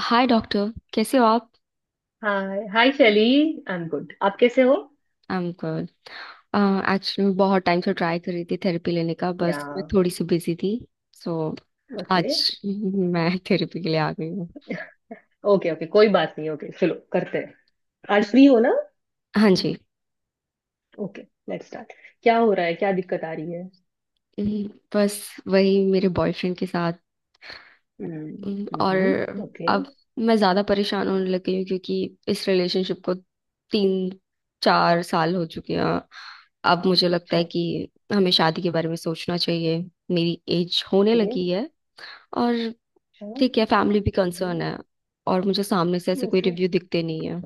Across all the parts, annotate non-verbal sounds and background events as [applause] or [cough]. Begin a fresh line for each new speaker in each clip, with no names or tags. हाय doctor, कैसे हो आप।
Hi hi Shaili. I am good, आप कैसे हो?
I am good. एक्चुअली मैं बहुत टाइम से ट्राई कर रही थी थेरेपी लेने का,
या।
बस मैं थोड़ी सी बिजी थी। सो
ओके
आज मैं थेरेपी के लिए आ गई हूँ।
ओके ओके, कोई बात नहीं। ओके, चलो करते हैं। आज फ्री हो ना?
हाँ जी।
Okay, let's start. क्या हो रहा है? क्या दिक्कत आ रही है?
हम्म, बस वही, मेरे बॉयफ्रेंड के साथ। और
हम्म। ओके।
अब मैं ज़्यादा परेशान होने लगी हूँ क्योंकि इस रिलेशनशिप को तीन चार साल हो चुके हैं। अब मुझे लगता है
अच्छा।
कि हमें शादी के बारे में सोचना चाहिए। मेरी एज होने
ओके।
लगी है। और
अच्छा।
ठीक है, फैमिली भी
हम्म।
कंसर्न है। और मुझे सामने से ऐसे कोई
ओके
रिव्यू दिखते नहीं है।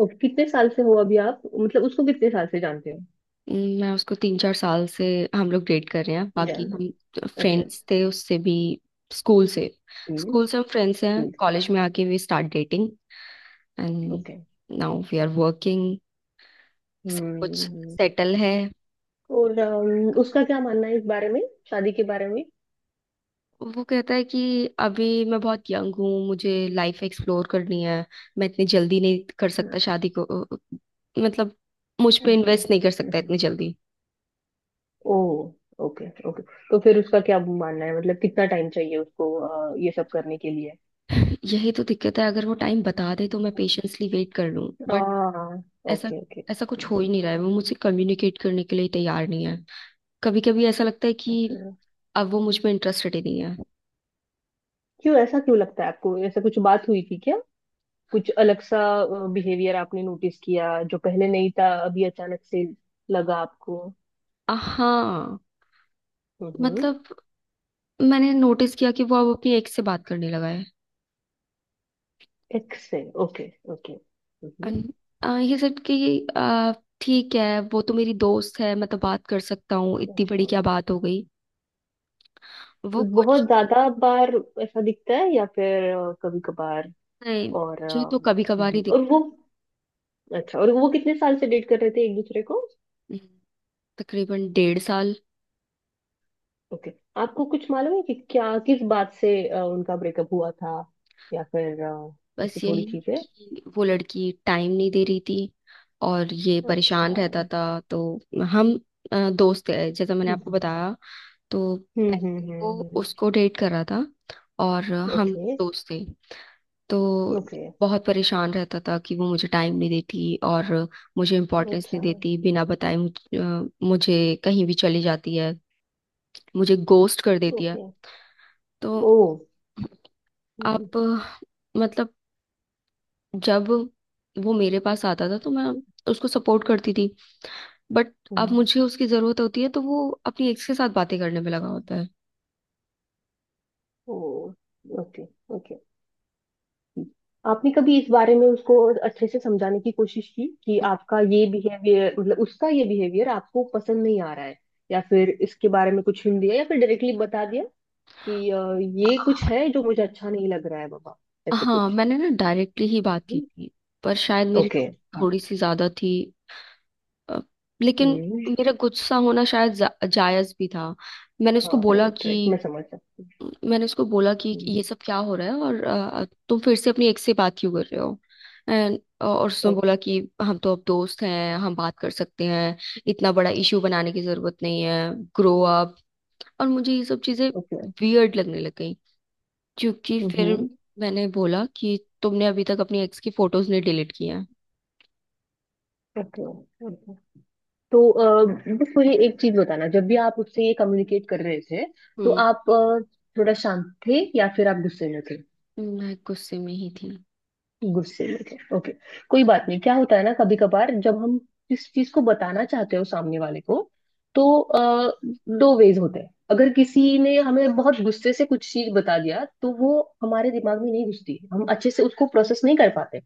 ओके, कितने साल से हो अभी आप, मतलब उसको कितने साल से जानते हो?
मैं उसको तीन चार साल से हम लोग डेट कर रहे हैं, बाकी
जानते हो।
हम
अच्छा।
फ्रेंड्स थे उससे भी, स्कूल से।
हम्म।
स्कूल से हम फ्रेंड्स हैं,
स्कूल से।
कॉलेज में आके we start dating and
okay.
Now we are working. सब कुछ
हम्म।
सेटल है।
और उसका क्या मानना है इस बारे में? शादी के बारे में?
वो कहता है कि अभी मैं बहुत यंग हूँ, मुझे लाइफ एक्सप्लोर करनी है, मैं इतनी जल्दी नहीं कर
हाँ।
सकता शादी को। मतलब मुझ पे इन्वेस्ट नहीं कर सकता
ओके।
इतनी जल्दी।
ओ, ओके ओके। तो फिर उसका क्या मानना है, मतलब कितना टाइम चाहिए उसको ये सब करने के लिए?
यही तो दिक्कत है, अगर वो टाइम बता दे तो मैं पेशेंसली वेट कर लूं, बट
हाँ।
ऐसा
ओके ओके,
ऐसा कुछ हो
हम्म।
ही नहीं रहा है। वो मुझसे कम्युनिकेट करने के लिए तैयार नहीं है। कभी कभी ऐसा लगता है कि
अच्छा।
अब वो मुझ में इंटरेस्टेड ही नहीं है।
क्यों? ऐसा क्यों लगता है आपको? ऐसा कुछ बात हुई थी क्या? कुछ अलग सा बिहेवियर आपने नोटिस किया जो पहले नहीं था, अभी अचानक से लगा आपको?
हाँ,
हम्म।
मतलब मैंने नोटिस किया कि वो अब अपनी एक्स से बात करने लगा है।
एक्स है, ओके। ओके। हम्म।
And, ये सब कि अ, ठीक है वो तो मेरी दोस्त है, मैं तो बात कर सकता हूँ, इतनी बड़ी
अच्छा।
क्या बात हो गई। वो
बहुत
कुछ।
ज्यादा बार ऐसा दिखता है या फिर कभी कभार?
नहीं,
और
मुझे तो कभी कभार ही दिख।
और वो अच्छा, और वो कितने साल से डेट कर रहे थे एक दूसरे को?
तकरीबन डेढ़ साल।
ओके। आपको कुछ मालूम है कि क्या, किस बात से उनका ब्रेकअप हुआ था? या फिर ऐसी
बस
थोड़ी
यही
चीजें?
कि वो लड़की टाइम नहीं दे रही थी और ये
अच्छा।
परेशान रहता था। तो हम दोस्त थे जैसा मैंने आपको बताया। तो
हम्म
पहले
हम्म
वो
हम्म हम्म।
उसको डेट कर रहा था और हम
ओके।
दोस्त थे। तो
ओके।
बहुत परेशान रहता था कि वो मुझे टाइम नहीं देती और मुझे इम्पोर्टेंस
अच्छा।
नहीं देती, बिना बताए मुझे कहीं भी चली जाती है, मुझे गोस्ट कर देती है।
ओके।
तो
ओ, हम्म, हम्म,
अब मतलब जब वो मेरे पास आता था तो मैं उसको सपोर्ट करती थी, बट अब
हम्म।
मुझे उसकी जरूरत होती है तो वो अपनी एक्स के साथ बातें करने में लगा होता है।
ओ, ओके ओके। आपने कभी इस बारे में उसको अच्छे से समझाने की कोशिश की कि आपका ये बिहेवियर मतलब उसका ये बिहेवियर आपको पसंद नहीं आ रहा है? या फिर इसके बारे में कुछ हिंट दिया या फिर डायरेक्टली बता दिया कि ये कुछ है जो मुझे अच्छा नहीं लग रहा है बाबा, ऐसे
हाँ
कुछ?
मैंने ना डायरेक्टली ही बात की थी, पर शायद मेरी
ओके।
टोन
हाँ।
थोड़ी सी ज्यादा थी। अ, लेकिन
हम्म।
मेरा गुस्सा होना शायद जायज भी था। मैंने उसको
हाँ,
बोला
राइट राइट, मैं
कि
समझ सकती
मैंने उसको बोला कि
हूँ।
ये सब क्या हो रहा है और तुम फिर से अपनी एक्स से बात क्यों कर रहे हो। एंड और उसने बोला
ओके।
कि हम तो अब दोस्त हैं, हम बात कर सकते हैं, इतना बड़ा इशू बनाने की जरूरत नहीं है, ग्रो अप। और मुझे ये सब चीजें
ओके।
वियर्ड लगने लग गई क्योंकि फिर
हम्म।
मैंने बोला कि तुमने अभी तक अपनी एक्स की फोटोज नहीं डिलीट की हैं।
ओके, तो बस मुझे एक चीज बताना, जब भी आप उससे ये कम्युनिकेट कर रहे थे तो
हम्म।
आप थोड़ा शांत थे या फिर आप गुस्से में थे?
मैं गुस्से में ही थी।
गुस्से में थे। ओके, कोई बात नहीं। क्या होता है ना, कभी कभार जब हम किस चीज को बताना चाहते हो सामने वाले को, तो दो वेज होते हैं। अगर किसी ने हमें बहुत गुस्से से कुछ चीज बता दिया तो वो हमारे दिमाग में नहीं घुसती, हम अच्छे से उसको प्रोसेस नहीं कर पाते।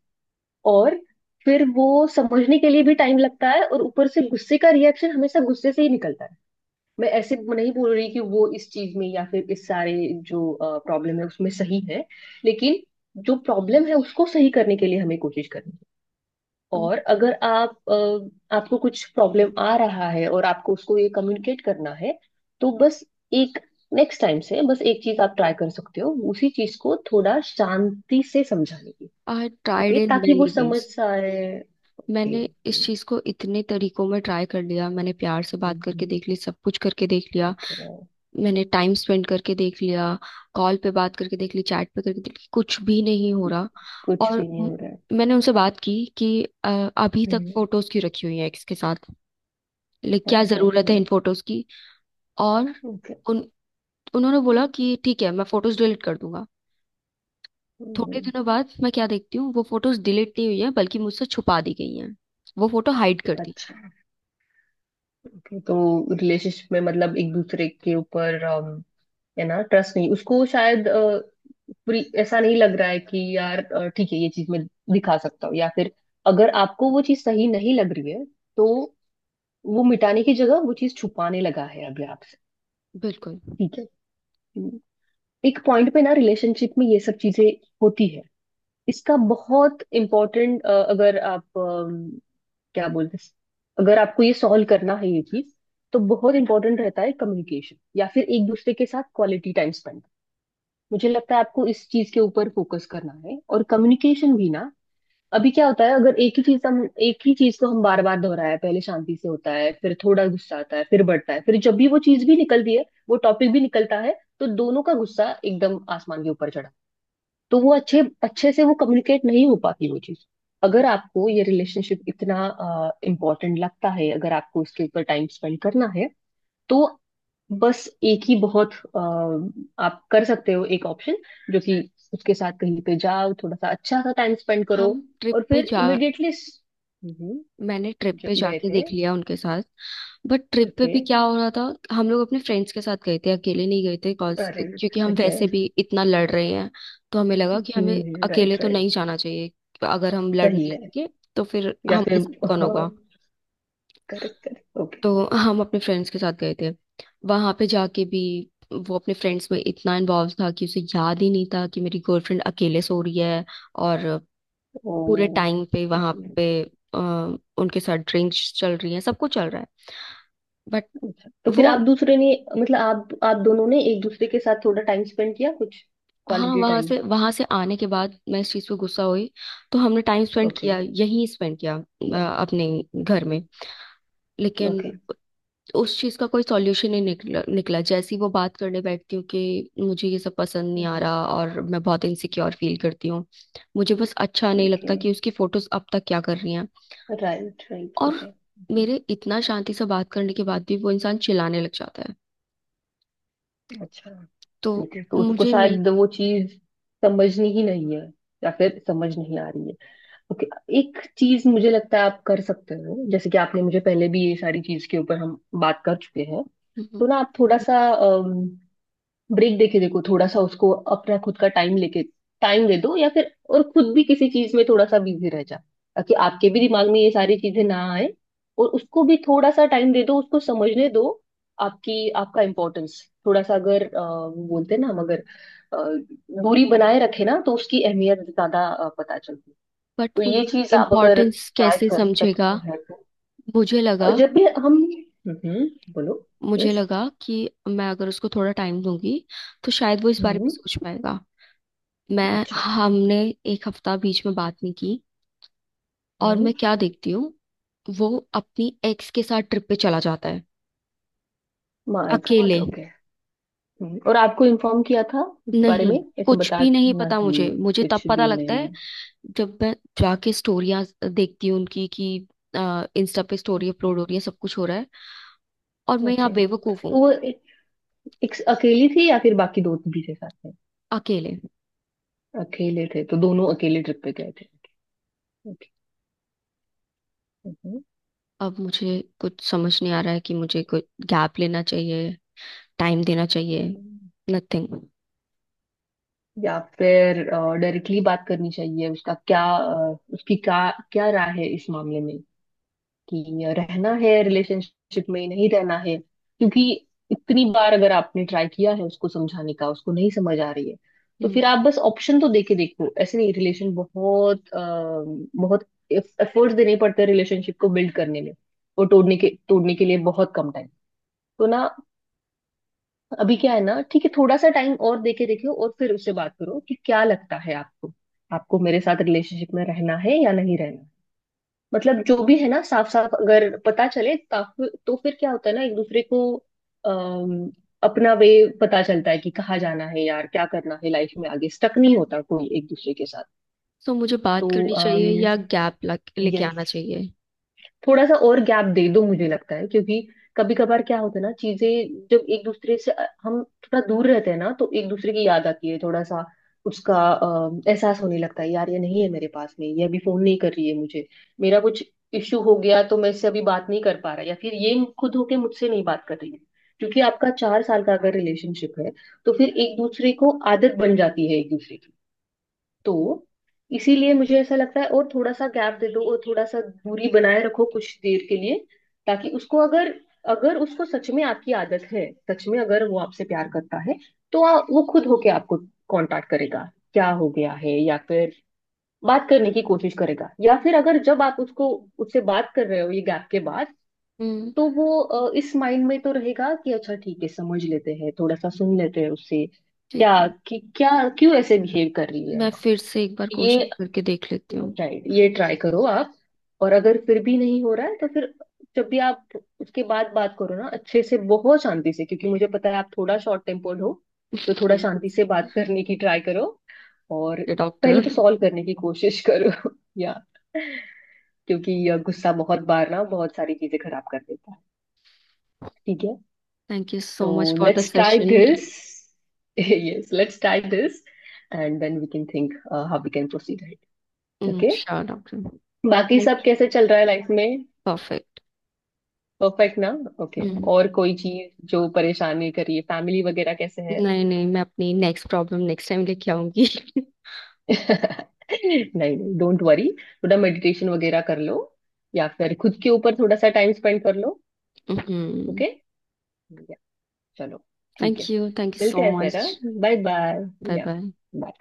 और फिर वो समझने के लिए भी टाइम लगता है, और ऊपर से गुस्से का रिएक्शन हमेशा गुस्से से ही निकलता है। मैं ऐसे नहीं बोल रही कि वो इस चीज में या फिर इस सारे जो प्रॉब्लम है उसमें सही है, लेकिन जो प्रॉब्लम है उसको सही करने के लिए हमें कोशिश करनी है। और अगर आपको कुछ प्रॉब्लम आ रहा है और आपको उसको ये कम्युनिकेट करना है, तो बस एक, नेक्स्ट टाइम से बस एक चीज आप ट्राई कर सकते हो, उसी चीज को थोड़ा शांति से समझाने की।
आई ट्राइड
ओके,
इन
ताकि वो
मेनी।
समझ आए। ओके।
मैंने इस चीज को इतने तरीकों में ट्राई कर लिया, मैंने प्यार से बात करके देख ली, सब कुछ करके देख लिया,
ओके,
मैंने टाइम स्पेंड करके देख लिया, कॉल पे बात करके देख ली, चैट पे करके देख ली, कुछ भी नहीं हो रहा।
कुछ
और
भी नहीं हो रहा है।
मैंने उनसे बात की कि अभी तक
हम्म,
फोटोज क्यों रखी हुई है एक्स के साथ, लाइक
हाँ
क्या
हाँ
जरूरत है
हाँ
इन फोटोज की। और
हाँ।
उन उन्होंने बोला कि ठीक है मैं फोटोज डिलीट कर दूंगा। थोड़े
हम्म।
दिनों बाद मैं क्या देखती हूँ वो फोटोज डिलीट नहीं हुई है, बल्कि मुझसे छुपा दी गई हैं, वो फोटो हाइड कर दी।
अच्छा, ओके, तो रिलेशनशिप में मतलब एक दूसरे के ऊपर है ना, ट्रस्ट नहीं उसको शायद पूरी, ऐसा नहीं लग रहा है कि यार ठीक है ये चीज मैं दिखा सकता हूँ या फिर, अगर आपको वो चीज सही नहीं लग रही है तो वो मिटाने की जगह वो चीज छुपाने लगा है अभी आपसे।
बिल्कुल।
ठीक है। हम्म, एक पॉइंट पे ना रिलेशनशिप में ये सब चीजें होती है। इसका बहुत इम्पोर्टेंट, अगर आप क्या बोलते हैं, अगर आपको ये सॉल्व करना है ये चीज, तो बहुत इंपॉर्टेंट रहता है कम्युनिकेशन या फिर एक दूसरे के साथ क्वालिटी टाइम स्पेंड। मुझे लगता है आपको इस चीज के ऊपर फोकस करना है और कम्युनिकेशन भी ना। अभी क्या होता है, अगर एक ही चीज को हम बार बार दोहराया, पहले शांति से होता है फिर थोड़ा गुस्सा आता है फिर बढ़ता है, फिर जब भी वो चीज भी निकलती है वो टॉपिक भी निकलता है तो दोनों का गुस्सा एकदम आसमान के ऊपर चढ़ा, तो वो अच्छे अच्छे से वो कम्युनिकेट नहीं हो पाती वो चीज। अगर आपको ये रिलेशनशिप इतना इम्पोर्टेंट लगता है, अगर आपको इसके ऊपर टाइम स्पेंड करना है, तो बस एक ही बहुत आप कर सकते हो, एक ऑप्शन जो कि उसके साथ कहीं पे जाओ थोड़ा सा अच्छा सा टाइम स्पेंड करो,
हम
और
ट्रिप पे
फिर
जा
इमिडिएटली
मैंने ट्रिप पे
गए
जाके
थे?
देख लिया उनके साथ, बट ट्रिप पे
ओके।
भी क्या हो रहा था, हम लोग अपने फ्रेंड्स के साथ गए थे, अकेले नहीं गए थे, कॉज
अरे,
क्योंकि हम
ओके।
वैसे भी इतना लड़ रहे हैं। तो हमें लगा कि हमें अकेले
राइट
तो
राइट,
नहीं जाना चाहिए, अगर हम लड़ने
सही है।
लगेंगे तो फिर
या
हमारे
फिर
साथ कौन
हाँ,
होगा।
Correct correct, okay.
तो हम अपने फ्रेंड्स के साथ गए थे। वहां पे जाके भी वो अपने फ्रेंड्स में इतना इन्वॉल्व था कि उसे याद ही नहीं था कि मेरी गर्लफ्रेंड अकेले सो रही है। और पूरे
ओ,
टाइम पे वहां
हम्म।
पे अ, उनके साथ ड्रिंक्स चल रही है, सब कुछ चल रहा है, बट
अच्छा, तो फिर
वो।
आप दोनों ने एक दूसरे के साथ थोड़ा टाइम स्पेंड किया, कुछ
हाँ,
क्वालिटी टाइम?
वहां से आने के बाद मैं इस चीज पे गुस्सा हुई, तो हमने टाइम स्पेंड
ओके।
किया, यहीं स्पेंड किया
किया।
अपने घर में।
ओके।
लेकिन उस चीज का कोई सॉल्यूशन नहीं निकला। निकला जैसे ही वो बात करने बैठती हूँ कि मुझे ये सब पसंद नहीं आ रहा और मैं बहुत इनसिक्योर फील करती हूँ, मुझे बस अच्छा नहीं
ओके।
लगता कि उसकी फोटोज अब तक क्या कर रही हैं।
राइट राइट,
और
ओके।
मेरे इतना शांति से बात करने के बाद भी वो इंसान चिल्लाने लग जाता है।
अच्छा।
तो
ओके, तो उसको
मुझे नहीं।
शायद वो चीज समझनी ही नहीं है या फिर समझ नहीं आ रही है। ओके। एक चीज मुझे लगता है आप कर सकते हो, जैसे कि आपने मुझे पहले भी ये सारी चीज के ऊपर हम बात कर चुके हैं, तो ना आप थोड़ा सा ब्रेक देके देखो, थोड़ा सा उसको अपना खुद का टाइम लेके टाइम दे दो, या फिर और खुद भी किसी चीज में थोड़ा सा बिजी रह जा ताकि आपके भी दिमाग में ये सारी चीजें ना आए, और उसको भी थोड़ा सा टाइम दे दो, उसको समझने दो आपकी, आपका इम्पोर्टेंस। थोड़ा सा, अगर वो बोलते हैं ना, हम अगर अ, दूरी बनाए रखे ना तो उसकी अहमियत ज्यादा पता चलती है।
बट
तो
वो
ये चीज आप अगर
इम्पोर्टेंस
ट्राई
कैसे
कर
समझेगा।
सकते हैं तो।
मुझे लगा
जब भी हम, हम्म, बोलो।
मुझे
यस।
लगा कि मैं अगर उसको थोड़ा टाइम दूंगी तो शायद वो इस बारे में
हम्म।
सोच पाएगा। मैं
अच्छा।
हमने एक हफ्ता बीच में बात नहीं की और मैं क्या देखती हूँ वो अपनी एक्स के साथ ट्रिप पे चला जाता है
माय गॉड,
अकेले।
ओके। और आपको इन्फॉर्म किया था इस बारे
नहीं,
में, ऐसे
कुछ भी नहीं
बताना
पता मुझे
ही?
मुझे तब
कुछ
पता
भी
लगता
नहीं?
है जब मैं जाके स्टोरियाँ देखती हूँ उनकी कि इंस्टा पे स्टोरी अपलोड हो रही
हम्म।
है, सब कुछ हो रहा है और मैं यहाँ
ओके,
बेवकूफ
तो
हूँ।
वो एक अकेली थी या फिर बाकी दो भी थे साथ में?
अकेले।
अकेले थे? तो दोनों अकेले ट्रिप पे गए थे। ओके। हम्म।
अब मुझे कुछ समझ नहीं आ रहा है कि मुझे कुछ गैप लेना चाहिए, टाइम देना चाहिए।
हम्म।
नथिंग।
या फिर डायरेक्टली बात करनी चाहिए, उसकी क्या, क्या राय है इस मामले में, कि रहना है रिलेशनशिप में, नहीं रहना है? क्योंकि इतनी बार अगर आपने ट्राई किया है उसको समझाने का उसको नहीं समझ आ रही है, तो
हम्म।
फिर आप बस ऑप्शन तो देके देखो। ऐसे नहीं, रिलेशन बहुत बहुत एफर्ट्स देने पड़ते हैं रिलेशनशिप को बिल्ड करने में, और तोड़ने के लिए बहुत कम टाइम। तो ना, अभी क्या है ना, ठीक है, थोड़ा सा टाइम और देके देखो और फिर उससे बात करो कि क्या लगता है आपको, आपको मेरे साथ रिलेशनशिप में रहना है या नहीं रहना। मतलब जो भी है ना, साफ साफ अगर पता चले तो फिर क्या होता है ना, एक दूसरे को अम, अपना वे पता चलता है कि कहाँ जाना है यार, क्या करना है लाइफ में आगे, स्टक नहीं होता कोई एक दूसरे के साथ।
सो मुझे
तो
बात करनी चाहिए या गैप लेके आना
यस,
चाहिए।
थोड़ा सा और गैप दे दो मुझे लगता है, क्योंकि कभी कभार क्या होता है ना, चीजें जब एक दूसरे से हम थोड़ा दूर रहते हैं ना तो एक दूसरे की याद आती है थोड़ा सा, उसका एहसास होने लगता है, यार ये नहीं है मेरे पास में, ये अभी फोन नहीं कर रही है मुझे, मेरा कुछ इश्यू हो गया तो मैं इससे अभी बात नहीं कर पा रहा, या फिर ये खुद होके मुझसे नहीं बात कर रही है। क्योंकि आपका 4 साल का अगर रिलेशनशिप है, तो फिर एक दूसरे को आदत बन जाती है एक दूसरे की, तो इसीलिए मुझे ऐसा लगता है और थोड़ा सा गैप दे दो और थोड़ा सा दूरी बनाए रखो कुछ देर के लिए। ताकि उसको अगर, अगर उसको सच में आपकी आदत है, सच में अगर वो आपसे प्यार करता है, तो वो खुद होके आपको कांटेक्ट करेगा, क्या हो गया है, या फिर बात करने की कोशिश करेगा। या फिर अगर जब आप उसको, उससे बात कर रहे हो ये गैप के बाद,
हम्म।
तो वो इस माइंड में तो रहेगा कि अच्छा ठीक है, समझ लेते हैं, थोड़ा सा सुन लेते हैं उससे क्या
ठीक है,
कि क्या क्यों ऐसे बिहेव कर रही है
मैं
ना।
फिर से एक बार
ये
कोशिश करके देख लेती हूँ।
राइट, ये ट्राई करो आप। और अगर फिर भी नहीं हो रहा है तो फिर, जब भी आप उसके बाद बात करो ना, अच्छे से बहुत शांति से, क्योंकि मुझे पता है आप थोड़ा शॉर्ट टेम्पर्ड हो, तो थोड़ा
[laughs]
शांति से बात करने की ट्राई करो। और पहले तो
डॉक्टर,
सॉल्व करने की कोशिश करो। [laughs] या, क्योंकि यह गुस्सा बहुत बार ना बहुत सारी चीजें खराब कर देता है। ठीक है?
थैंक यू
तो
so much for the
let's try
session.
This. Yes, let's try this, and then we can think how we can proceed. Okay.
Sure doctor.
[laughs] बाकी
थैंक
सब
यू।
कैसे चल रहा है लाइफ में?
परफेक्ट।
परफेक्ट ना? Okay, और कोई चीज जो परेशान नहीं करिए, फैमिली वगैरह कैसे है?
नहीं नहीं, मैं अपनी नेक्स्ट प्रॉब्लम नेक्स्ट टाइम लेके आऊंगी।
[laughs] नहीं नहीं, डोंट वरी, थोड़ा मेडिटेशन वगैरह कर लो या फिर खुद के ऊपर थोड़ा सा टाइम स्पेंड कर लो।
[laughs]
ओके। या, चलो, ठीक है,
थैंक यू, थैंक यू
मिलते
सो
हैं फिर।
मच।
Bye bye.
बाय
या।
बाय।
bye।